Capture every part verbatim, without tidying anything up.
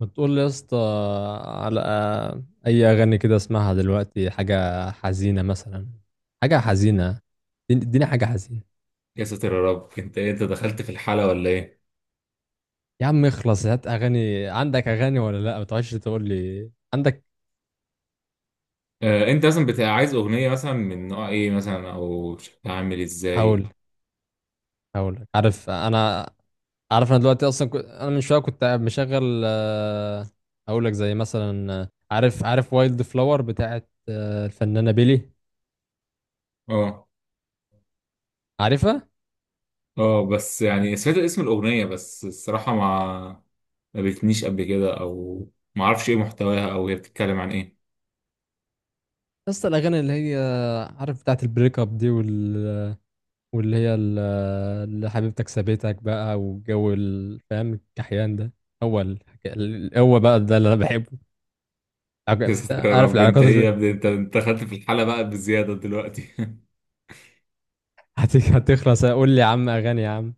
ما تقول لي يا اسطى على اي اغاني كده اسمعها دلوقتي، حاجه حزينه مثلا، حاجه حزينه. اديني اديني حاجه حزينه. يا ساتر يا رب، انت إيه؟ انت دخلت في الحالة ولا ايه؟ يا عم اخلص، هات اغاني. عندك اغاني ولا لا؟ ما تقعدش تقول لي عندك. آه، انت مثلا بتبقى عايز اغنية مثلا من نوع ايه مثلا، او شكلها عامل هقول ازاي؟ هقول لك. عارف انا عارف انا دلوقتي اصلا كنت... انا من شويه كنت قاعد مشغل آه، هقول لك زي مثلا، آه، عارف عارف وايلد فلاور بتاعت، آه، الفنانه بيلي. اه، عارفها؟ اه، بس يعني سمعت اسم الاغنية، بس الصراحة ما ما بتنيش قبل كده، او ما اعرفش ايه محتواها او هي بتتكلم عن ايه. يا اسطى الاغاني اللي هي، عارف، بتاعت البريك اب دي، وال واللي هي ال- اللي حبيبتك سابتك بقى والجو ال- فاهم الكحيان ده. هو الحكا- ال- هو بقى ده اللي انا بحبه. يا عج- ساتر يا عارف رب، انت العلاقات ايه اللي... يا ابني؟ انت انت دخلت في الحالة بقى بزيادة دلوقتي. هت- هتخلص قول لي يا عم اغاني يا عم.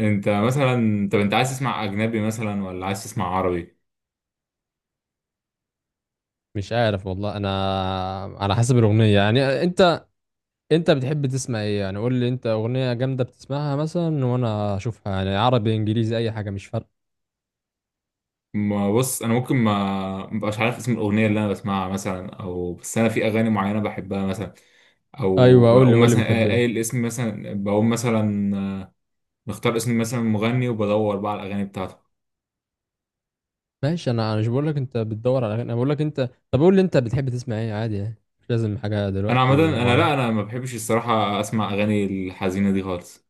انت مثلا، طب انت عايز تسمع اجنبي مثلا ولا عايز تسمع عربي؟ مش عارف والله انا، على حسب الاغنيه يعني. انت انت بتحب تسمع ايه يعني؟ قول لي انت اغنيه جامده بتسمعها مثلا وانا اشوفها، يعني عربي انجليزي اي حاجه مش فارقه. ما بص، انا ممكن ما مبقاش عارف اسم الاغنيه اللي انا بسمعها مثلا، او بس انا في اغاني معينه بحبها مثلا، او ايوه، قول لي بقوم قول لي مثلا قا- بتحب ايه. قايل اسم مثلا، بقوم مثلا مختار اسم مثلا مغني وبدور بقى على الاغاني بتاعته. ماشي، انا انا مش بقول لك انت بتدور على اغاني، انا بقول لك انت طب قول لي انت بتحب تسمع ايه عادي يعني. مش لازم حاجه انا عامه، دلوقتي انا لا، معينه. انا ما بحبش الصراحه اسمع اغاني الحزينه دي خالص،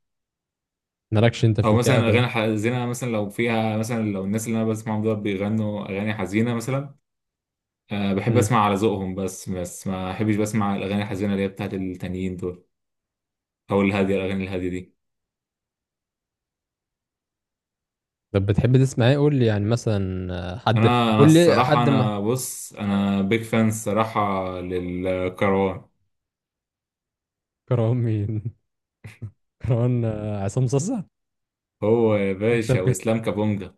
مالكش انت في او مثلا الكآبة الاغاني ده؟ الحزينه، مثلا لو فيها مثلا، لو الناس اللي انا بسمعهم دول بيغنوا اغاني حزينه مثلا، أه بحب امم اسمع على ذوقهم، بس بس ما بحبش بسمع الاغاني الحزينه اللي هي بتاعت التانيين دول، او الهاديه، الاغاني الهاديه دي. طب بتحب تسمع ايه قول لي يعني مثلا، آه، حد. انا انا قول لي الصراحه، حد انا ما. بص، انا بيج فان الصراحه للكروان. كرهان مين؟ كرهان، آه، عصام صاصا؟ هو يا انت باشا بجد؟ واسلام كابونجا.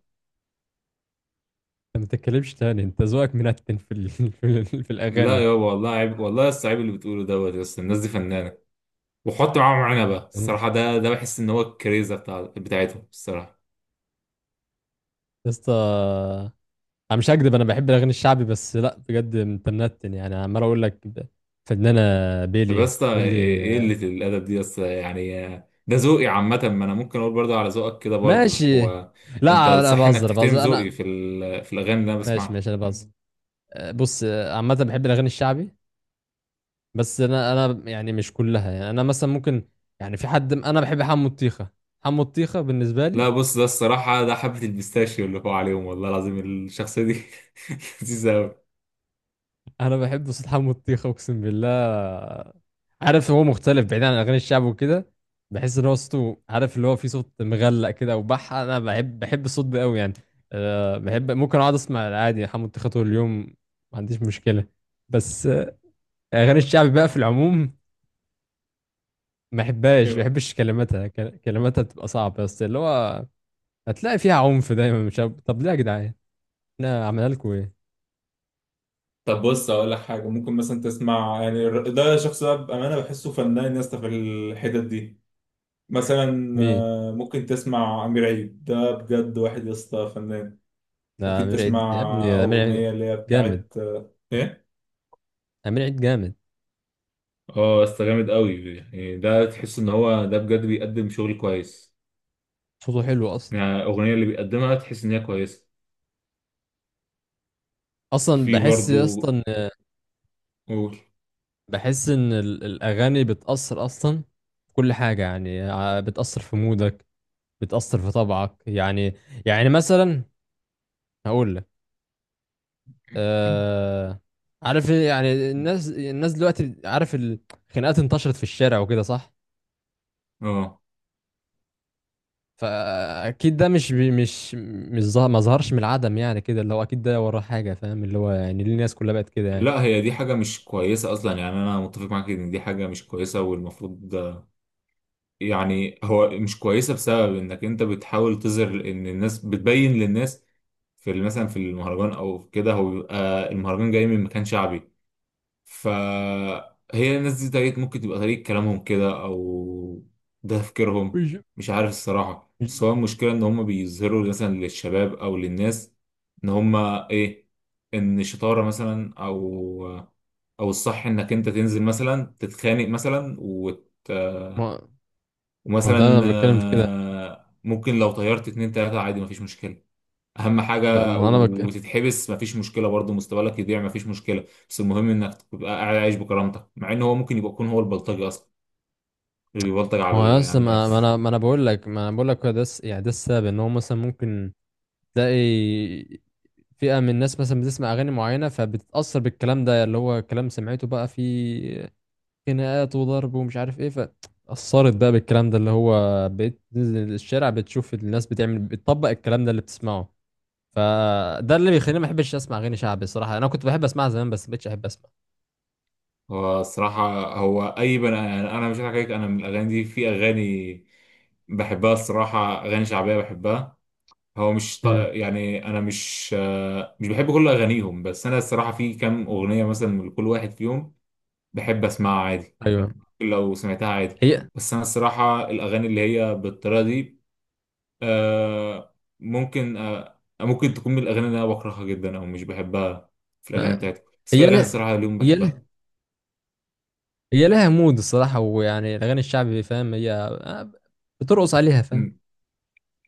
ما تتكلمش تاني، انت ذوقك منتن في ال... في, ال... في لا الاغاني. يابا، والله عيب، والله لسه عيب اللي بتقوله دوت، يا اسطى الناس دي فنانه، وحط معاهم عنبه يعني الصراحه، ده ده بحس ان هو الكريزه بتاع بتاعتهم الصراحه. يا اسطى، انا مش هكدب، انا بحب الاغاني الشعبي بس لا بجد انت منتن يعني عمال اقول لك، ده فنانة طب يا بيلي اسطى، قول ايه لي إيه آه، قله الادب دي يا اسطى يعني؟ ده ذوقي عامه، ما انا ممكن اقول برضه على ذوقك كده برضه ماشي، هو. انت لا انا الصح انك بهزر تحترم بهزر ذوقي انا. في ال- في الاغاني اللي انا ماشي بسمعها. ماشي انا بهزر. آه، بص، آه، عامة بحب الاغاني الشعبي، بس انا انا يعني مش كلها يعني، انا مثلا ممكن يعني في حد م- انا بحب حمو الطيخه. حمو الطيخه بالنسبه لي، لا بص، ده الصراحة ده حبة البيستاشيو اللي فوق عليهم، والله العظيم، الشخصية دي. لذيذة أوي. انا بحب صوت حمو الطيخه اقسم بالله. عارف، هو مختلف بعيد عن اغاني الشعب وكده. بحس ان هو صوته، عارف، اللي هو في صوت مغلق كده، وبح انا بحب بحب الصوت ده قوي يعني. أه بحب، ممكن اقعد اسمع عادي حمو الطيخه طول اليوم، ما عنديش مشكله. بس، آه، اغاني الشعب بقى في العموم ما بحبهاش، ما ايوه، بحبش كلماتها، كل- كلماتها بتبقى صعبه بس اللي هو هتلاقي فيها عنف دايما، مش عارف- طب ليه يا جدعان؟ احنا عملنا لكم ايه؟ طب بص اقول لك حاجه، ممكن مثلا تسمع يعني الر- ده شخص، ده بامانه بحسه فنان يا اسطى في الحتت دي. مثلا مين؟ آه، ممكن تسمع امير عيد، ده بجد واحد يا اسطى فنان. ده ممكن عمير عيد يا تسمع ابني، ده عمير عيد اغنيه اللي هي جامد، بتاعت آه، ايه، عمير عيد جامد، اه بس جامد أوي يعني، ده تحس إن هو ده بجد بيقدم شغل كويس، صوته حلو اصلا يعني الأغنية اللي بيقدمها تحس إن هي كويسة. اصلا في بحس برضو. اصلا قول. بحس ان ال- الاغاني بتاثر اصلا في كل حاجه يعني، ع- بتاثر في مودك، بتاثر في طبعك يعني. يعني مثلا هقول لك، آه عارف إيه؟ يعني الناس الناس دلوقتي، عارف، الخناقات انتشرت في الشارع وكده، صح؟ اه، فاكيد ده مش بي مش مش ظهر ما ظهرش من العدم يعني كده اللي هو، اكيد ده وراه حاجه، فاهم، اللي هو يعني ليه الناس كلها بقت كده يعني. لا، هي دي حاجة مش كويسة أصلا يعني، أنا متفق معاك إن دي حاجة مش كويسة، والمفروض ده- يعني هو مش كويسة بسبب إنك أنت بتحاول تظهر إن الناس بتبين للناس في ال- مثلا في المهرجان أو في كده، هو بيبقى المهرجان جاي من مكان شعبي، فهي الناس دي طريقة، ممكن تبقى طريقة كلامهم كده، أو ده تفكيرهم. مش مش عارف الصراحة، بس مش- هو المشكلة إن هما بيظهروا مثلا للشباب أو للناس إن هما إيه، إن الشطارة مثلا، أو أو الصح إنك أنت تنزل مثلا تتخانق مثلا وت... ما ما ده ومثلا انا بتكلم في كده. آه، ممكن لو طيرت اتنين تلاتة عادي مفيش مشكلة، اهم لا، حاجه، ما انا بك... وتتحبس مفيش مشكله برضه، مستقبلك يضيع مفيش مشكله، بس المهم انك تبقى قاعد عايش بكرامتك، مع ان هو ممكن يبقى يكون هو البلطجي اصلا اللي بيبلطج على ما هو ال- على اصلا ما ما الناس. انا ما انا بقول لك ما انا بقول لك هو ده الس- يعني ده السبب ان هو مثلا ممكن تلاقي فئه من الناس مثلا بتسمع اغاني معينه فبتتاثر بالكلام ده اللي هو كلام سمعته بقى في خناقات وضرب ومش عارف ايه، فأثرت بقى بالكلام ده اللي هو بقيت تنزل الشارع بتشوف الناس بتعمل، بتطبق الكلام ده اللي بتسمعه. فده اللي بيخليني ما بحبش اسمع اغاني شعبي الصراحه، انا كنت بحب اسمعها زمان بس ما بقتش احب اسمع. هو الصراحه، هو اي بني، انا أنا مش هضحك عليك، انا من الاغاني دي في اغاني بحبها الصراحه، اغاني شعبيه بحبها. هو مش ط... امم يعني انا مش آه، مش بحب كل اغانيهم، بس انا الصراحه في كام اغنيه مثلا من كل واحد فيهم بحب اسمعها عادي، ايوه. لو سمعتها عادي. هي بس انا الصراحه الاغاني اللي هي بالطريقه دي، آه ممكن آه ممكن تكون من الأغاني اللي أنا بكرهها جدا أو مش بحبها في الأغاني آه، بتاعتي، بس في هي أغاني لها الصراحة اليوم هي بحبها. لها هي لها مود الصراحه، ويعني الاغاني الشعبي، فاهم، هي، آه، بترقص عليها فاهم. مم.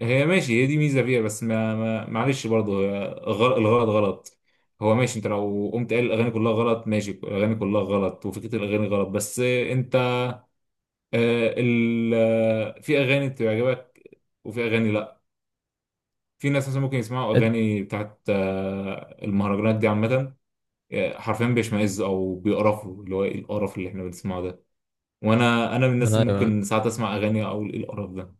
هي ماشي، هي دي ميزة فيها، بس ما ما معلش، برضه هي غل- الغلط غلط. هو ماشي، أنت لو قمت قايل الأغاني كلها غلط، ماشي، الأغاني كلها غلط، وفكرة الأغاني غلط، بس أنت آه ال آه، في أغاني بتعجبك وفي أغاني لأ. في ناس مثلا ممكن يسمعوا إت- أغاني بتاعت آه المهرجانات دي عامة، حرفيا بيشمئز او بيقرفوا، اللي هو ايه القرف اللي احنا بنسمعه ده، وانا انا من الناس انا اللي ايوه، ممكن ساعات اسمع اغاني اقول ايه القرف ده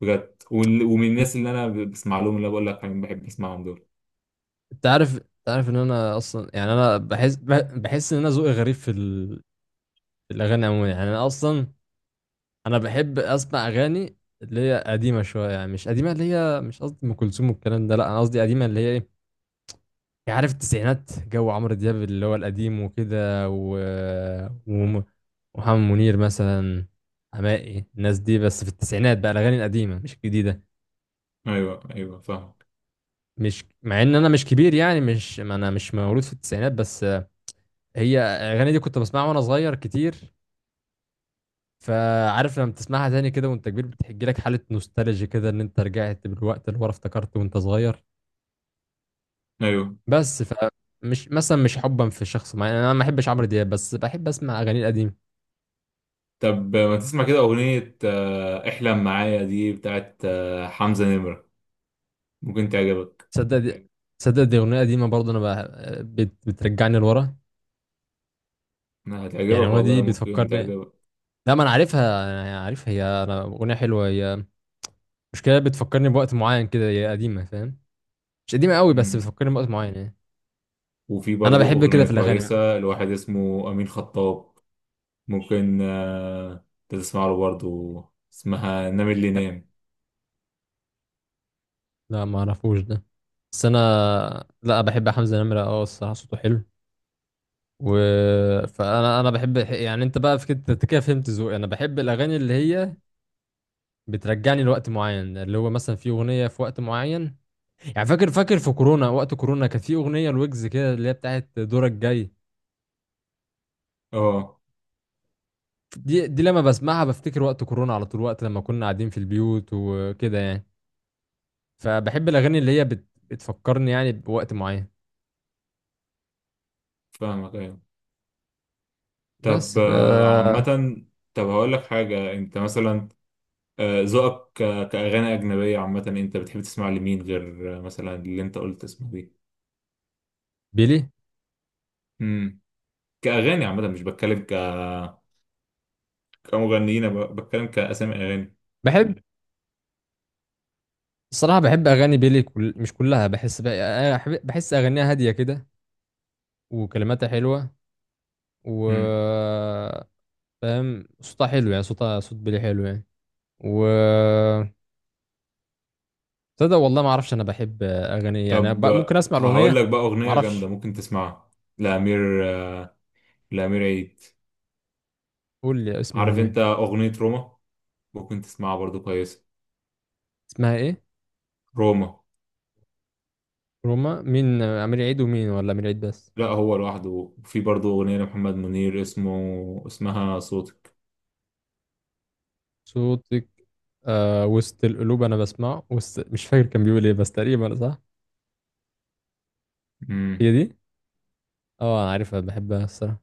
بجد، وال- ومن الناس اللي انا ب- بسمع لهم اللي أنا بقول لك عليهم، بحب اسمعهم دول. انت عارف، انت عارف ان انا اصلا يعني، انا بحس بح- بحس ان انا ذوقي غريب في ال... في الاغاني عموما يعني. انا اصلا انا بحب اسمع اغاني اللي هي قديمه شويه يعني، مش قديمه اللي هي، مش قصدي ام كلثوم والكلام ده، لا انا قصدي قديمه اللي هي ايه يعني، عارف، التسعينات جو عمرو دياب اللي هو القديم وكده و... وم- ومحمد منير مثلا، حماقي، الناس دي بس في التسعينات بقى الاغاني القديمه مش الجديده. ايوه، ايوه، فاهم. مش، مع ان انا مش كبير يعني، مش ما انا مش مولود في التسعينات، بس هي الاغاني دي كنت بسمعها وانا صغير كتير، فعارف لما بتسمعها تاني كده وانت كبير بتحجي لك حالة نوستالجيا كده، ان انت رجعت بالوقت اللي ورا افتكرته وانت صغير. ايوه، بس، فمش مثلا مش حبا في شخص معين، انا ما بحبش عمرو دياب بس بحب اسمع اغاني القديمه. طب ما تسمع كده اغنيه آه، احلم معايا دي بتاعت آه، حمزه نمره، ممكن تعجبك، تصدق دي تصدق دي اغنيه قديمه برضه، انا بح- بت... بترجعني لورا، يعني هتعجبك الاغنيه دي والله، ممكن بتفكرني. تعجبك. لا ما انا عارفها، انا عارفها هي انا اغنيه حلوه هي. مشكله، بتفكرني بوقت معين كده، هي قديمه فاهم، مش قديمه قوي بس مم. بتفكرني بوقت معين يعني. وفي انا برضو بحب كده اغنيه في الاغاني بقى. كويسه لواحد اسمه امين خطاب، ممكن آه، تسمع له برضه، اسمها نام اللي نام. لا ما اعرفوش ده، بس انا لا بحب حمزة نمرة اه الصراحة صوته حلو و فانا انا بحب يعني، انت بقى في كده، أنت كده فهمت ذوقي، انا بحب الاغاني اللي هي بترجعني لوقت معين، اللي هو مثلا في اغنية في وقت معين يعني. فاكر فاكر في كورونا، وقت كورونا كانت في اغنية الويجز كده اللي هي بتاعت دورك جاي. اه دي دي لما بسمعها بفتكر وقت كورونا على طول، وقت لما كنا قاعدين في البيوت وكده يعني. فبحب الاغاني اللي هي بت... بتفكرني يعني بوقت معين. فاهمك، ايوه. طب بس ف آه، عامة، طب هقول لك حاجة، انت مثلا آه، ذوقك ك- كأغاني أجنبية عامة، انت بتحب تسمع لمين غير آه، مثلا اللي انت قلت اسمه دي؟ بيلي، امم. كأغاني عامة، مش بتكلم ك كمغنيين، أنا ب- بتكلم كأسامي أغاني. بحب الصراحة بحب أغاني بيلي، كل... مش كلها، بحس بقى، أنا أحب- بحس أغانيها هادية كده وكلماتها حلوة و امم. فاهم، صوتها حلو يعني، صوتها صوت بيلي حلو يعني و تصدق والله ما أعرفش أنا بحب أغاني إيه يعني طب بقى، ممكن آه، أسمع هقول الأغنية. لك بقى ما أغنية أعرفش. جامدة ممكن تسمعها لأمير، آه، لأمير عيد. قول لي اسم عارف أغنية. انت أغنية روما؟ ممكن تسمعها برضو كويس، اسمها إيه؟ روما. روما مين؟ أمير عيد ومين ولا أمير عيد بس؟ لا هو لوحده. وفي برضو أغنية لمحمد منير اسمه اسمها صوتك. صوتك. آه وسط القلوب أنا بسمعه وسط... مش فاكر كان بيقول إيه بس تقريبا صح. مم. هي دي؟ اه أنا عارفها بحبها الصراحة.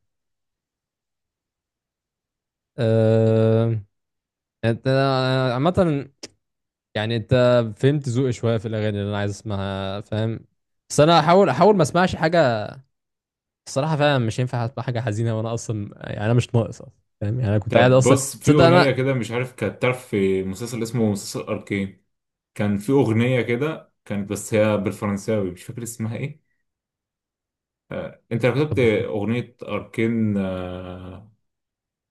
آه... انت عامة يعني، انت فهمت ذوقي شوية في الأغاني اللي أنا عايز أسمعها فاهم. بس أنا هحاول، أحاول ما أسمعش حاجة الصراحة، فعلا مش ينفع أسمع حاجة حزينة وأنا أصلا يعني، أنا مش ناقص أصلا، فاهم، يعني أنا كنت قاعد طب أصلا. بص في تصدق أغنية أنا كده مش عارف، كانت تعرف في مسلسل اسمه مسلسل أركين، كان في أغنية كده كانت، بس هي بالفرنساوي، مش فاكر اسمها ايه. آه. انت لو كتبت طب وف- أغنية أركين، آه.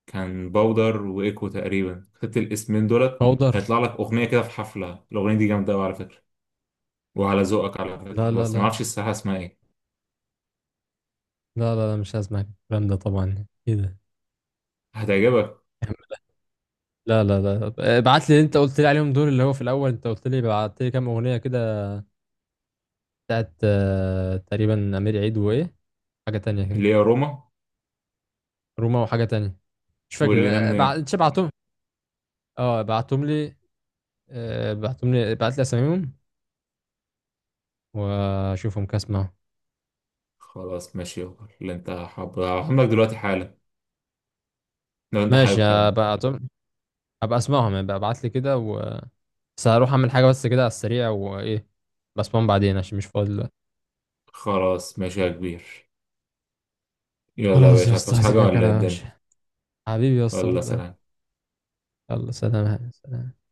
كان باودر وإيكو تقريبا، كتبت الاسمين دولت بودر؟ هيطلع لك أغنية كده في حفلة. الأغنية دي جامدة أوي على فكرة، وعلى ذوقك على لا فكرة، لا بس لا، معرفش الساحة اسمها ايه. لا لا لا، مش هسمع الكلام ده طبعا، إيه ده. هتعجبك، لا لا لا، ابعت لي اللي أنت قلت لي عليهم دول، اللي هو في الأول أنت قلت لي بعت لي كام أغنية كده، بتاعت، آه، تقريبا أمير عيد وإيه، حاجة تانية كده. اللي هي روما روما وحاجة تانية مش فاكر. واللي نام نام. بعت، اه بعتهم لي، آه، بعتهم لي، بعت لي اساميهم واشوفهم كده اسمعهم. خلاص ماشي، يلا اللي انت حابب هبعتهم لك دلوقتي حالا، لو انت ماشي حابب كمان. هبعتهم، هبقى اسمعهم يعني، ابعت لي كده و بس هروح اعمل حاجه بس كده على السريع، وايه، بسمعهم بعدين عشان مش فاضي دلوقتي. خلاص ماشي يا كبير. يلا يا خلاص يا باشا، اسطى هتعوز حاجة هسيبك ولا ايه انا يا الدنيا؟ باشا، حبيبي يا اسطى ولا والله. سلام. يلا سلام سلام.